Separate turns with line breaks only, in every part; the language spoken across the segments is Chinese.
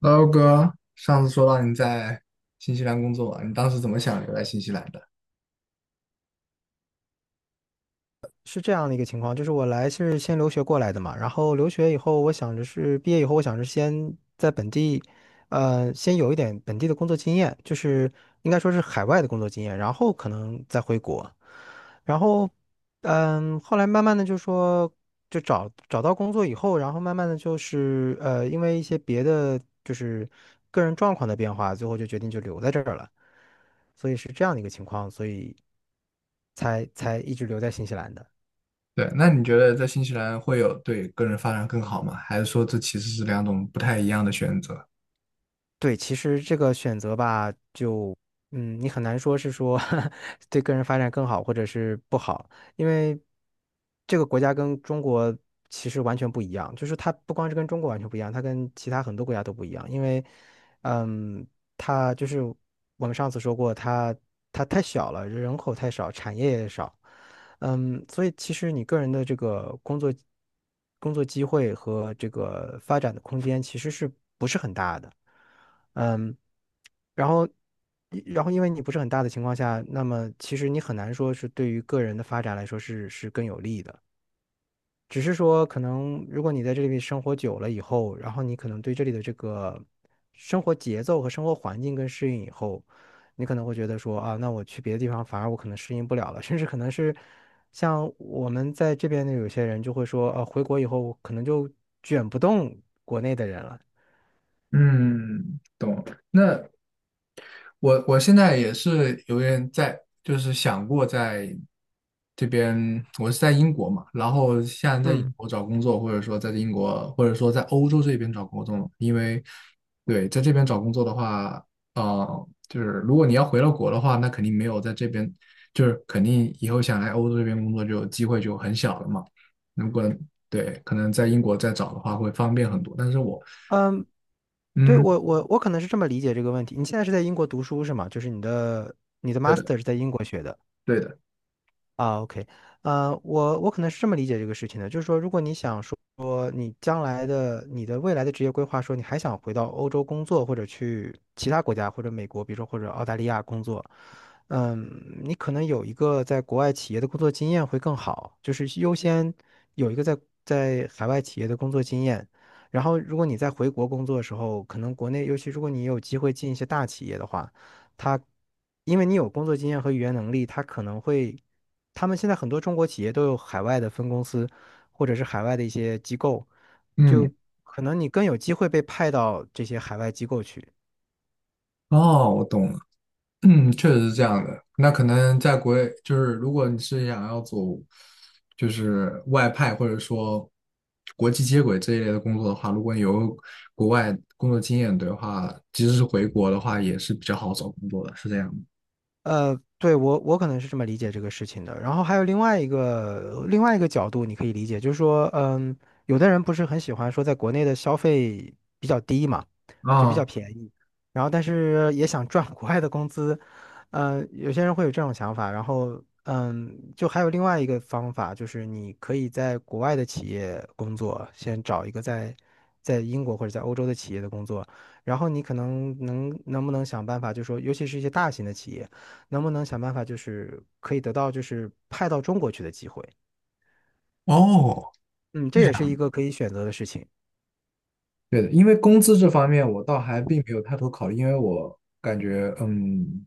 h e 哥，上次说到你在新西兰工作，你当时怎么想留在新西兰的？
是这样的一个情况，就是我来是先留学过来的嘛，然后留学以后，我想着是毕业以后，我想着先在本地，先有一点本地的工作经验，就是应该说是海外的工作经验，然后可能再回国，然后，嗯，后来慢慢的就说，找找到工作以后，然后慢慢的就是因为一些别的就是个人状况的变化，最后就决定就留在这儿了，所以是这样的一个情况，所以才一直留在新西兰的。
对，那你觉得在新西兰会有对个人发展更好吗？还是说这其实是两种不太一样的选择？
对，其实这个选择吧，就嗯，你很难说对个人发展更好，或者是不好，因为这个国家跟中国其实完全不一样，就是它不光是跟中国完全不一样，它跟其他很多国家都不一样，因为嗯，它就是我们上次说过，它太小了，人口太少，产业也少，嗯，所以其实你个人的这个工作机会和这个发展的空间其实是不是很大的？嗯，然后然后因为你不是很大的情况下，那么其实你很难说是对于个人的发展来说是更有利的。只是说，可能如果你在这里面生活久了以后，然后你可能对这里的这个生活节奏和生活环境更适应以后，你可能会觉得说啊，那我去别的地方反而我可能适应不了了，甚至可能是像我们在这边的有些人就会说，啊，回国以后可能就卷不动国内的人了。
嗯，懂。那我现在也是有点在，就是想过在这边，我是在英国嘛，然后现在在
嗯，
英国找工作，或者说在英国，或者说在欧洲这边找工作，因为对，在这边找工作的话，就是如果你要回到国的话，那肯定没有在这边，就是肯定以后想来欧洲这边工作就机会就很小了嘛。如果对，可能在英国再找的话会方便很多，但是我，
对，
嗯，
我我可能是这么理解这个问题。你现在是在英国读书是吗？就是你的
对的，
master 是在英国学的。
对的，
啊，OK,我可能是这么理解这个事情的，就是说，如果你想说你的未来的职业规划，说你还想回到欧洲工作，或者去其他国家，或者美国，比如说或者澳大利亚工作，嗯，你可能有一个在国外企业的工作经验会更好，就是优先有一个在海外企业的工作经验。然后，如果你在回国工作的时候，可能国内，尤其如果你有机会进一些大企业的话，它因为你有工作经验和语言能力，它可能会。他们现在很多中国企业都有海外的分公司，或者是海外的一些机构，
嗯，
就可能你更有机会被派到这些海外机构去。
哦，我懂了。嗯，确实是这样的。那可能在国内，就是如果你是想要走，就是外派或者说国际接轨这一类的工作的话，如果你有国外工作经验的话，即使是回国的话，也是比较好找工作的，是这样的。
对，我可能是这么理解这个事情的。然后还有另外一个角度，你可以理解，就是说，嗯，有的人不是很喜欢说在国内的消费比较低嘛，就比较
啊，
便宜，然后但是也想赚 国外的工资，嗯、有些人会有这种想法。然后，嗯，就还有另外一个方法，就是你可以在国外的企业工作，先找一个在英国或者在欧洲的企业的工作，然后你可能能不能想办法，就说尤其是一些大型的企业。能不能想办法就是可以得到就是派到中国去的机会？
哦，
嗯，这也是一个可以选择的事情。
对的，因为工资这方面我倒还并没有太多考虑，因为我感觉，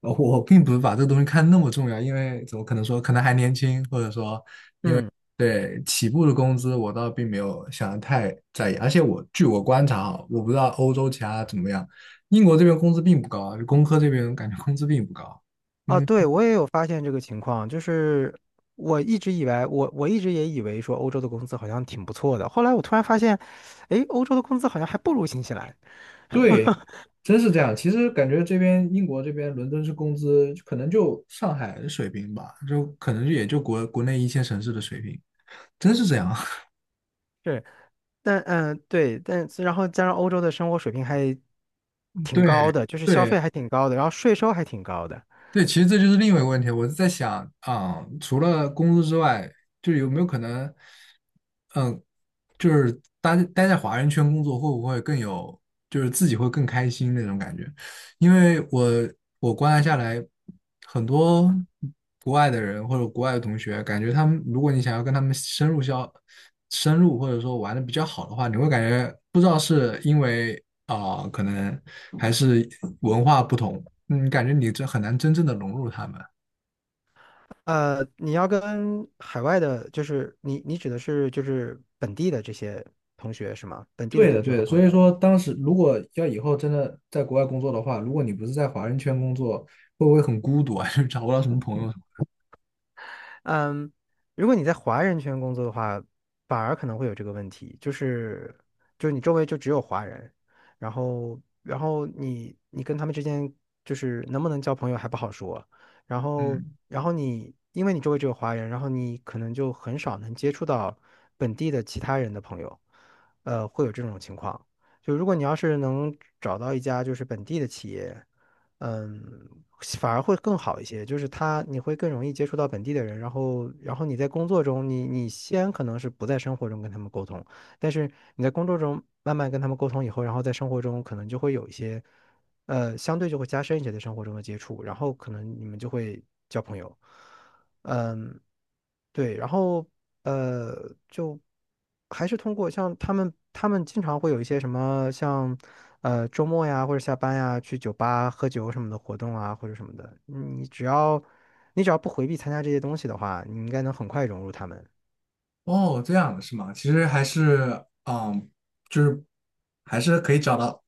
我并不是把这个东西看那么重要，因为怎么可能说，可能还年轻，或者说
嗯，
对，起步的工资我倒并没有想的太在意，而且我据我观察啊，我不知道欧洲其他怎么样，英国这边工资并不高啊就工科这边感觉工资并不高。
啊，
嗯，
对，我也有发现这个情况，就是我一直也以为说欧洲的工资好像挺不错的，后来我突然发现，诶，欧洲的工资好像还不如新西兰。
对，真是这样。其实感觉这边英国这边伦敦是工资可能就上海的水平吧，就可能也就国内一线城市的水平，真是这样。
是，但嗯，对，但然后加上欧洲的生活水平还 挺
对
高的，就是消费
对
还挺高的，然后税收还挺高的。
对，其实这就是另外一个问题，我是在想啊、除了工资之外，就有没有可能？嗯。就是待在华人圈工作会不会更有，就是自己会更开心那种感觉？因为我观察下来，很多国外的人或者国外的同学，感觉他们，如果你想要跟他们深入或者说玩的比较好的话，你会感觉不知道是因为啊、可能还是文化不同，感觉你这很难真正的融入他们。
呃，你要跟海外的，就是你指的是就是本地的这些同学是吗？本地的
对的，
同学
对
和
的，所
朋
以
友。
说当时如果要以后真的在国外工作的话，如果你不是在华人圈工作，会不会很孤独啊？就是找不到什么朋友什么？
嗯，如果你在华人圈工作的话，反而可能会有这个问题，就是你周围就只有华人，然后你跟他们之间就是能不能交朋友还不好说，然后
嗯，
然后你因为你周围只有华人，然后你可能就很少能接触到本地的其他人的朋友，呃，会有这种情况。就如果你要是能找到一家就是本地的企业。嗯，反而会更好一些。就是他，你会更容易接触到本地的人，然后，然后你在工作中，你先可能是不在生活中跟他们沟通，但是你在工作中慢慢跟他们沟通以后，然后在生活中可能就会有一些，呃，相对就会加深一些在生活中的接触，然后可能你们就会交朋友。嗯，对，然后呃，就还是通过像他们，他们经常会有一些什么像呃周末呀，或者下班呀，去酒吧喝酒什么的活动啊，或者什么的。你只要不回避参加这些东西的话，你应该能很快融入他们。
哦，这样的是吗？其实还是，嗯，就是还是可以找到，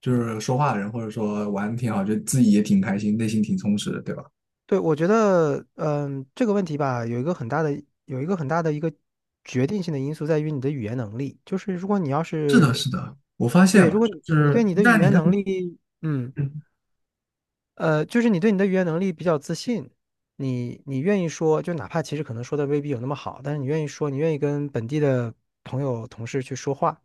就是说话的人，或者说玩的挺好，就自己也挺开心，内心挺充实的，对吧？
对，我觉得，嗯，这个问题吧，有一个很大的一个决定性的因素在于你的语言能力。就是如果你要
是的，
是，
是的，我发现
对，
了，
如果
就
你
是
对你的语
在你
言
跟，
能力，嗯。呃，就是你对你的语言能力比较自信，你你愿意说，就哪怕其实可能说的未必有那么好，但是你愿意说，你愿意跟本地的朋友同事去说话，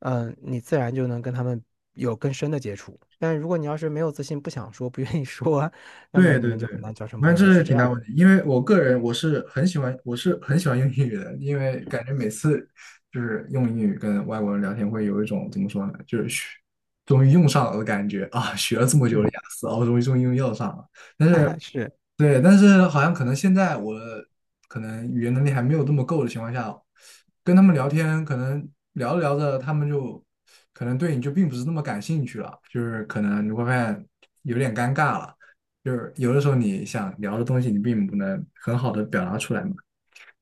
嗯、你自然就能跟他们有更深的接触。但如果你要是没有自信，不想说，不愿意说，那么
对
你
对
们就
对，
很难交成
反
朋
正
友，
这
是
是
这
挺大
样
问
的。
题，因为我个人我是很喜欢用英语的，因为感觉每次就是用英语跟外国人聊天，会有一种怎么说呢，就是终于用上了的感觉啊，学了这么久
嗯，
的雅思啊，我终于用上了。但是
是，
对，但是好像可能现在我可能语言能力还没有这么够的情况下，跟他们聊天，可能聊着聊着，他们就可能对你就并不是那么感兴趣了，就是可能你会发现有点尴尬了，就是有的时候你想聊的东西，你并不能很好的表达出来嘛。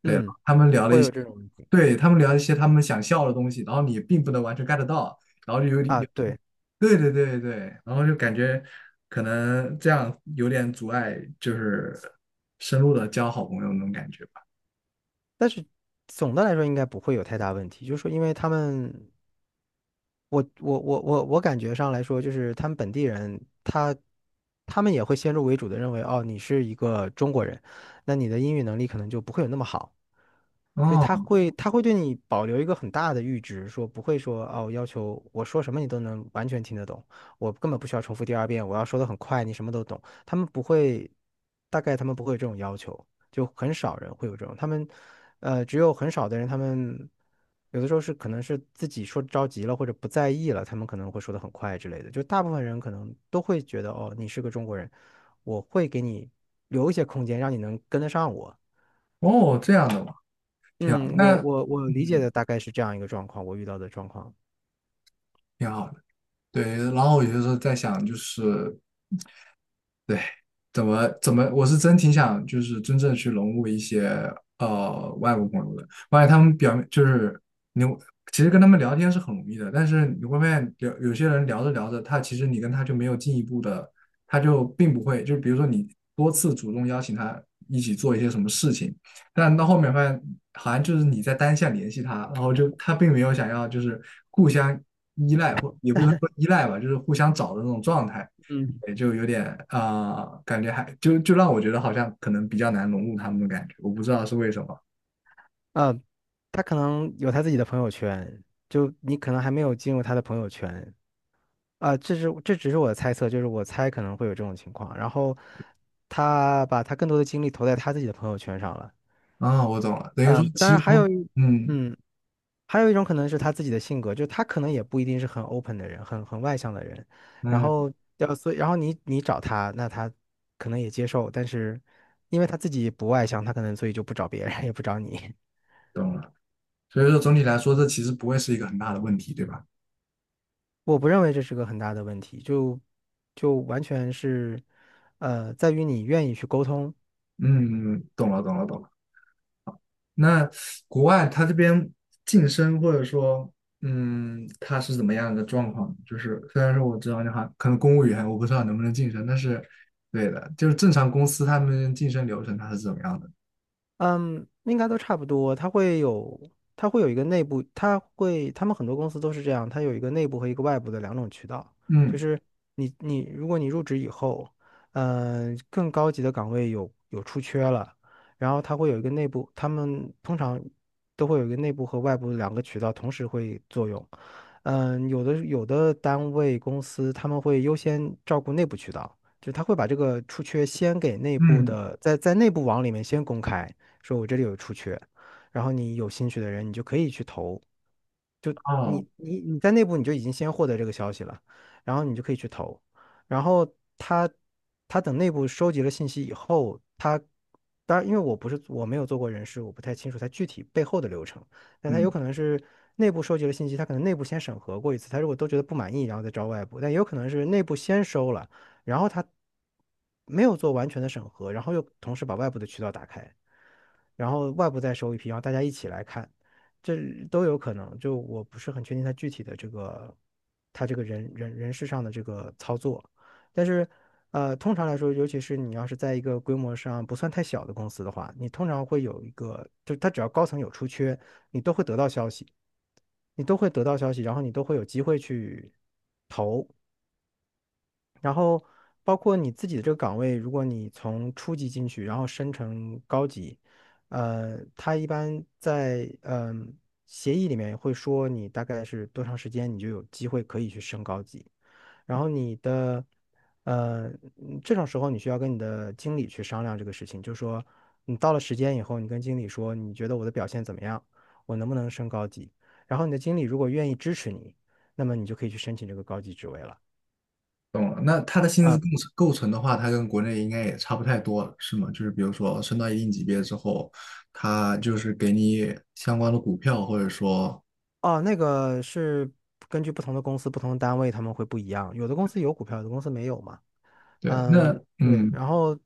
对，
嗯，
他们聊了
会
一
有
些，
这种问题
对，他们聊一些他们想笑的东西，然后你并不能完全 get 到，然后就有点
啊，对，
对对对对，然后就感觉可能这样有点阻碍，就是深入的交好朋友那种感觉吧。
但是总的来说应该不会有太大问题，就是说因为他们我感觉上来说，就是他们本地人，他们也会先入为主的认为，哦，你是一个中国人，那你的英语能力可能就不会有那么好。所以
哦
他会对你保留一个很大的阈值，说不会说哦，要求我说什么你都能完全听得懂，我根本不需要重复第二遍，我要说的很快，你什么都懂。他们不会，大概他们不会有这种要求，就很少人会有这种。他们，呃，只有很少的人，他们有的时候是可能是自己说着急了或者不在意了，他们可能会说的很快之类的。就大部分人可能都会觉得哦，你是个中国人，我会给你留一些空间，让你能跟得上我。
哦，这样的嘛，挺好。
嗯，
那
我我理解
嗯，
的大概是这样一个状况，我遇到的状况。
挺好的。对，然后我有些时候在想，就是。对。怎么，我是真挺想就是真正去融入一些外国朋友的，我发现他们表面就是你其实跟他们聊天是很容易的，但是你会发现有些人聊着聊着，他其实你跟他就没有进一步的，他就并不会，就是比如说你多次主动邀请他一起做一些什么事情，但到后面发现好像就是你在单向联系他，然后就他并没有想要就是互相依赖或也不能说依赖吧，就是互相找的那种状态。
嗯
也就有点感觉还就让我觉得好像可能比较难融入他们的感觉，我不知道是为什么
呃，他可能有他自己的朋友圈，就你可能还没有进入他的朋友圈啊，这是这只是我的猜测，就是我猜可能会有这种情况。然后他把他更多的精力投在他自己的朋友圈上了，
啊，我懂了，等于说
嗯，当
其
然
实
还
从
有一
嗯
嗯还有一种可能是他自己的性格，就他可能也不一定是很 open 的人，很外向的人。然
嗯
后所以，然后你找他，那他可能也接受，但是因为他自己不外向，他可能所以就不找别人，也不找你。
懂了，所以说总体来说这其实不会是一个很大的问题，对吧？
我不认为这是个很大的问题，就完全是，在于你愿意去沟通。
嗯，懂了懂了懂了。那国外它这边晋升或者说它是怎么样的状况？就是虽然说我知道你好像可能公务员我不知道能不能晋升，但是对的，就是正常公司他们晋升流程它是怎么样的？
嗯，应该都差不多。它会有一个内部，他们很多公司都是这样，它有一个内部和一个外部的两种渠道。就
嗯
是如果你入职以后，更高级的岗位有出缺了，然后它会有一个内部，他们通常都会有一个内部和外部两个渠道同时会作用。有的单位公司他们会优先照顾内部渠道，就是他会把这个出缺先给内部
嗯。
的，在内部网里面先公开。说我这里有出缺，然后你有兴趣的人，你就可以去投。就
哦，
你在内部你就已经先获得这个消息了，然后你就可以去投，然后他他等内部收集了信息以后，他当然因为我不是我没有做过人事，我不太清楚他具体背后的流程，但他有
嗯，
可能是内部收集了信息，他可能内部先审核过一次，他如果都觉得不满意，然后再招外部，但也有可能是内部先收了，然后他没有做完全的审核，然后又同时把外部的渠道打开。然后外部再收一批，然后大家一起来看，这都有可能。就我不是很确定他具体的这个他这个人事上的这个操作，但是通常来说，尤其是你要是在一个规模上不算太小的公司的话，你通常会有一个，就他只要高层有出缺，你都会得到消息，你都会得到消息，然后你都会有机会去投，然后包括你自己的这个岗位，如果你从初级进去，然后升成高级，他一般在协议里面会说你大概是多长时间，你就有机会可以去升高级。然后你的呃嗯这种时候，你需要跟你的经理去商量这个事情，就是说你到了时间以后，你跟经理说你觉得我的表现怎么样，我能不能升高级？然后你的经理如果愿意支持你，那么你就可以去申请这个高级职位了。
懂了。那它的薪资
呃
构成构成的话，它跟国内应该也差不太多了，是吗？就是比如说升到一定级别之后，它就是给你相关的股票，或者说，
哦，那个是根据不同的公司、不同的单位，他们会不一样。有的公司有股票，有的公司没有嘛。
对，那
嗯，对。
嗯，
然后，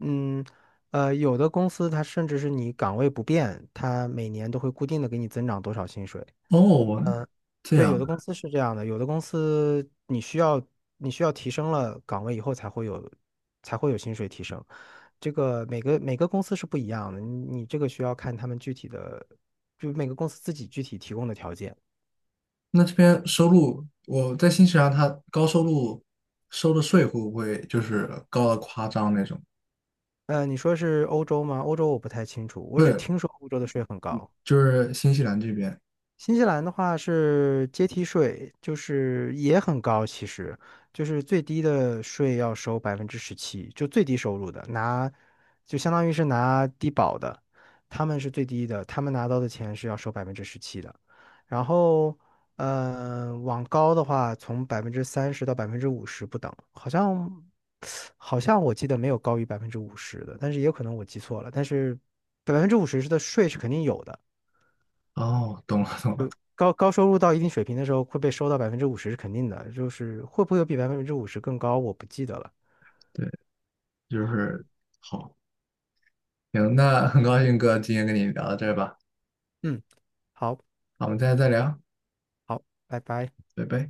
嗯，有的公司它甚至是你岗位不变，它每年都会固定的给你增长多少薪水。
哦，
嗯，
这
对，有
样
的
的。
公司是这样的，有的公司你需要提升了岗位以后才会有薪水提升。这个每个公司是不一样的，你这个需要看他们具体的，就每个公司自己具体提供的条件。
那这边收入，我在新西兰，它高收入收的税会不会就是高的夸张那种？
你说是欧洲吗？欧洲我不太清楚，我
不
只
是，
听说欧洲的税很高。
就是新西兰这边。
新西兰的话是阶梯税，就是也很高，其实就是最低的税要收百分之十七，就最低收入的拿，就相当于是拿低保的，他们是最低的，他们拿到的钱是要收百分之十七的。然后，往高的话，从30%到百分之五十不等，好像我记得没有高于百分之五十的，但是也有可能我记错了，但是百分之五十的税是肯定有的。
哦，懂了，懂了。
高收入到一定水平的时候会被收到百分之五十是肯定的，就是会不会有比百分之五十更高，我不记得了。
对，就是好，行，那很高兴哥今天跟你聊到这儿吧，
嗯，好，
好我们再聊。
好，拜拜。
拜拜。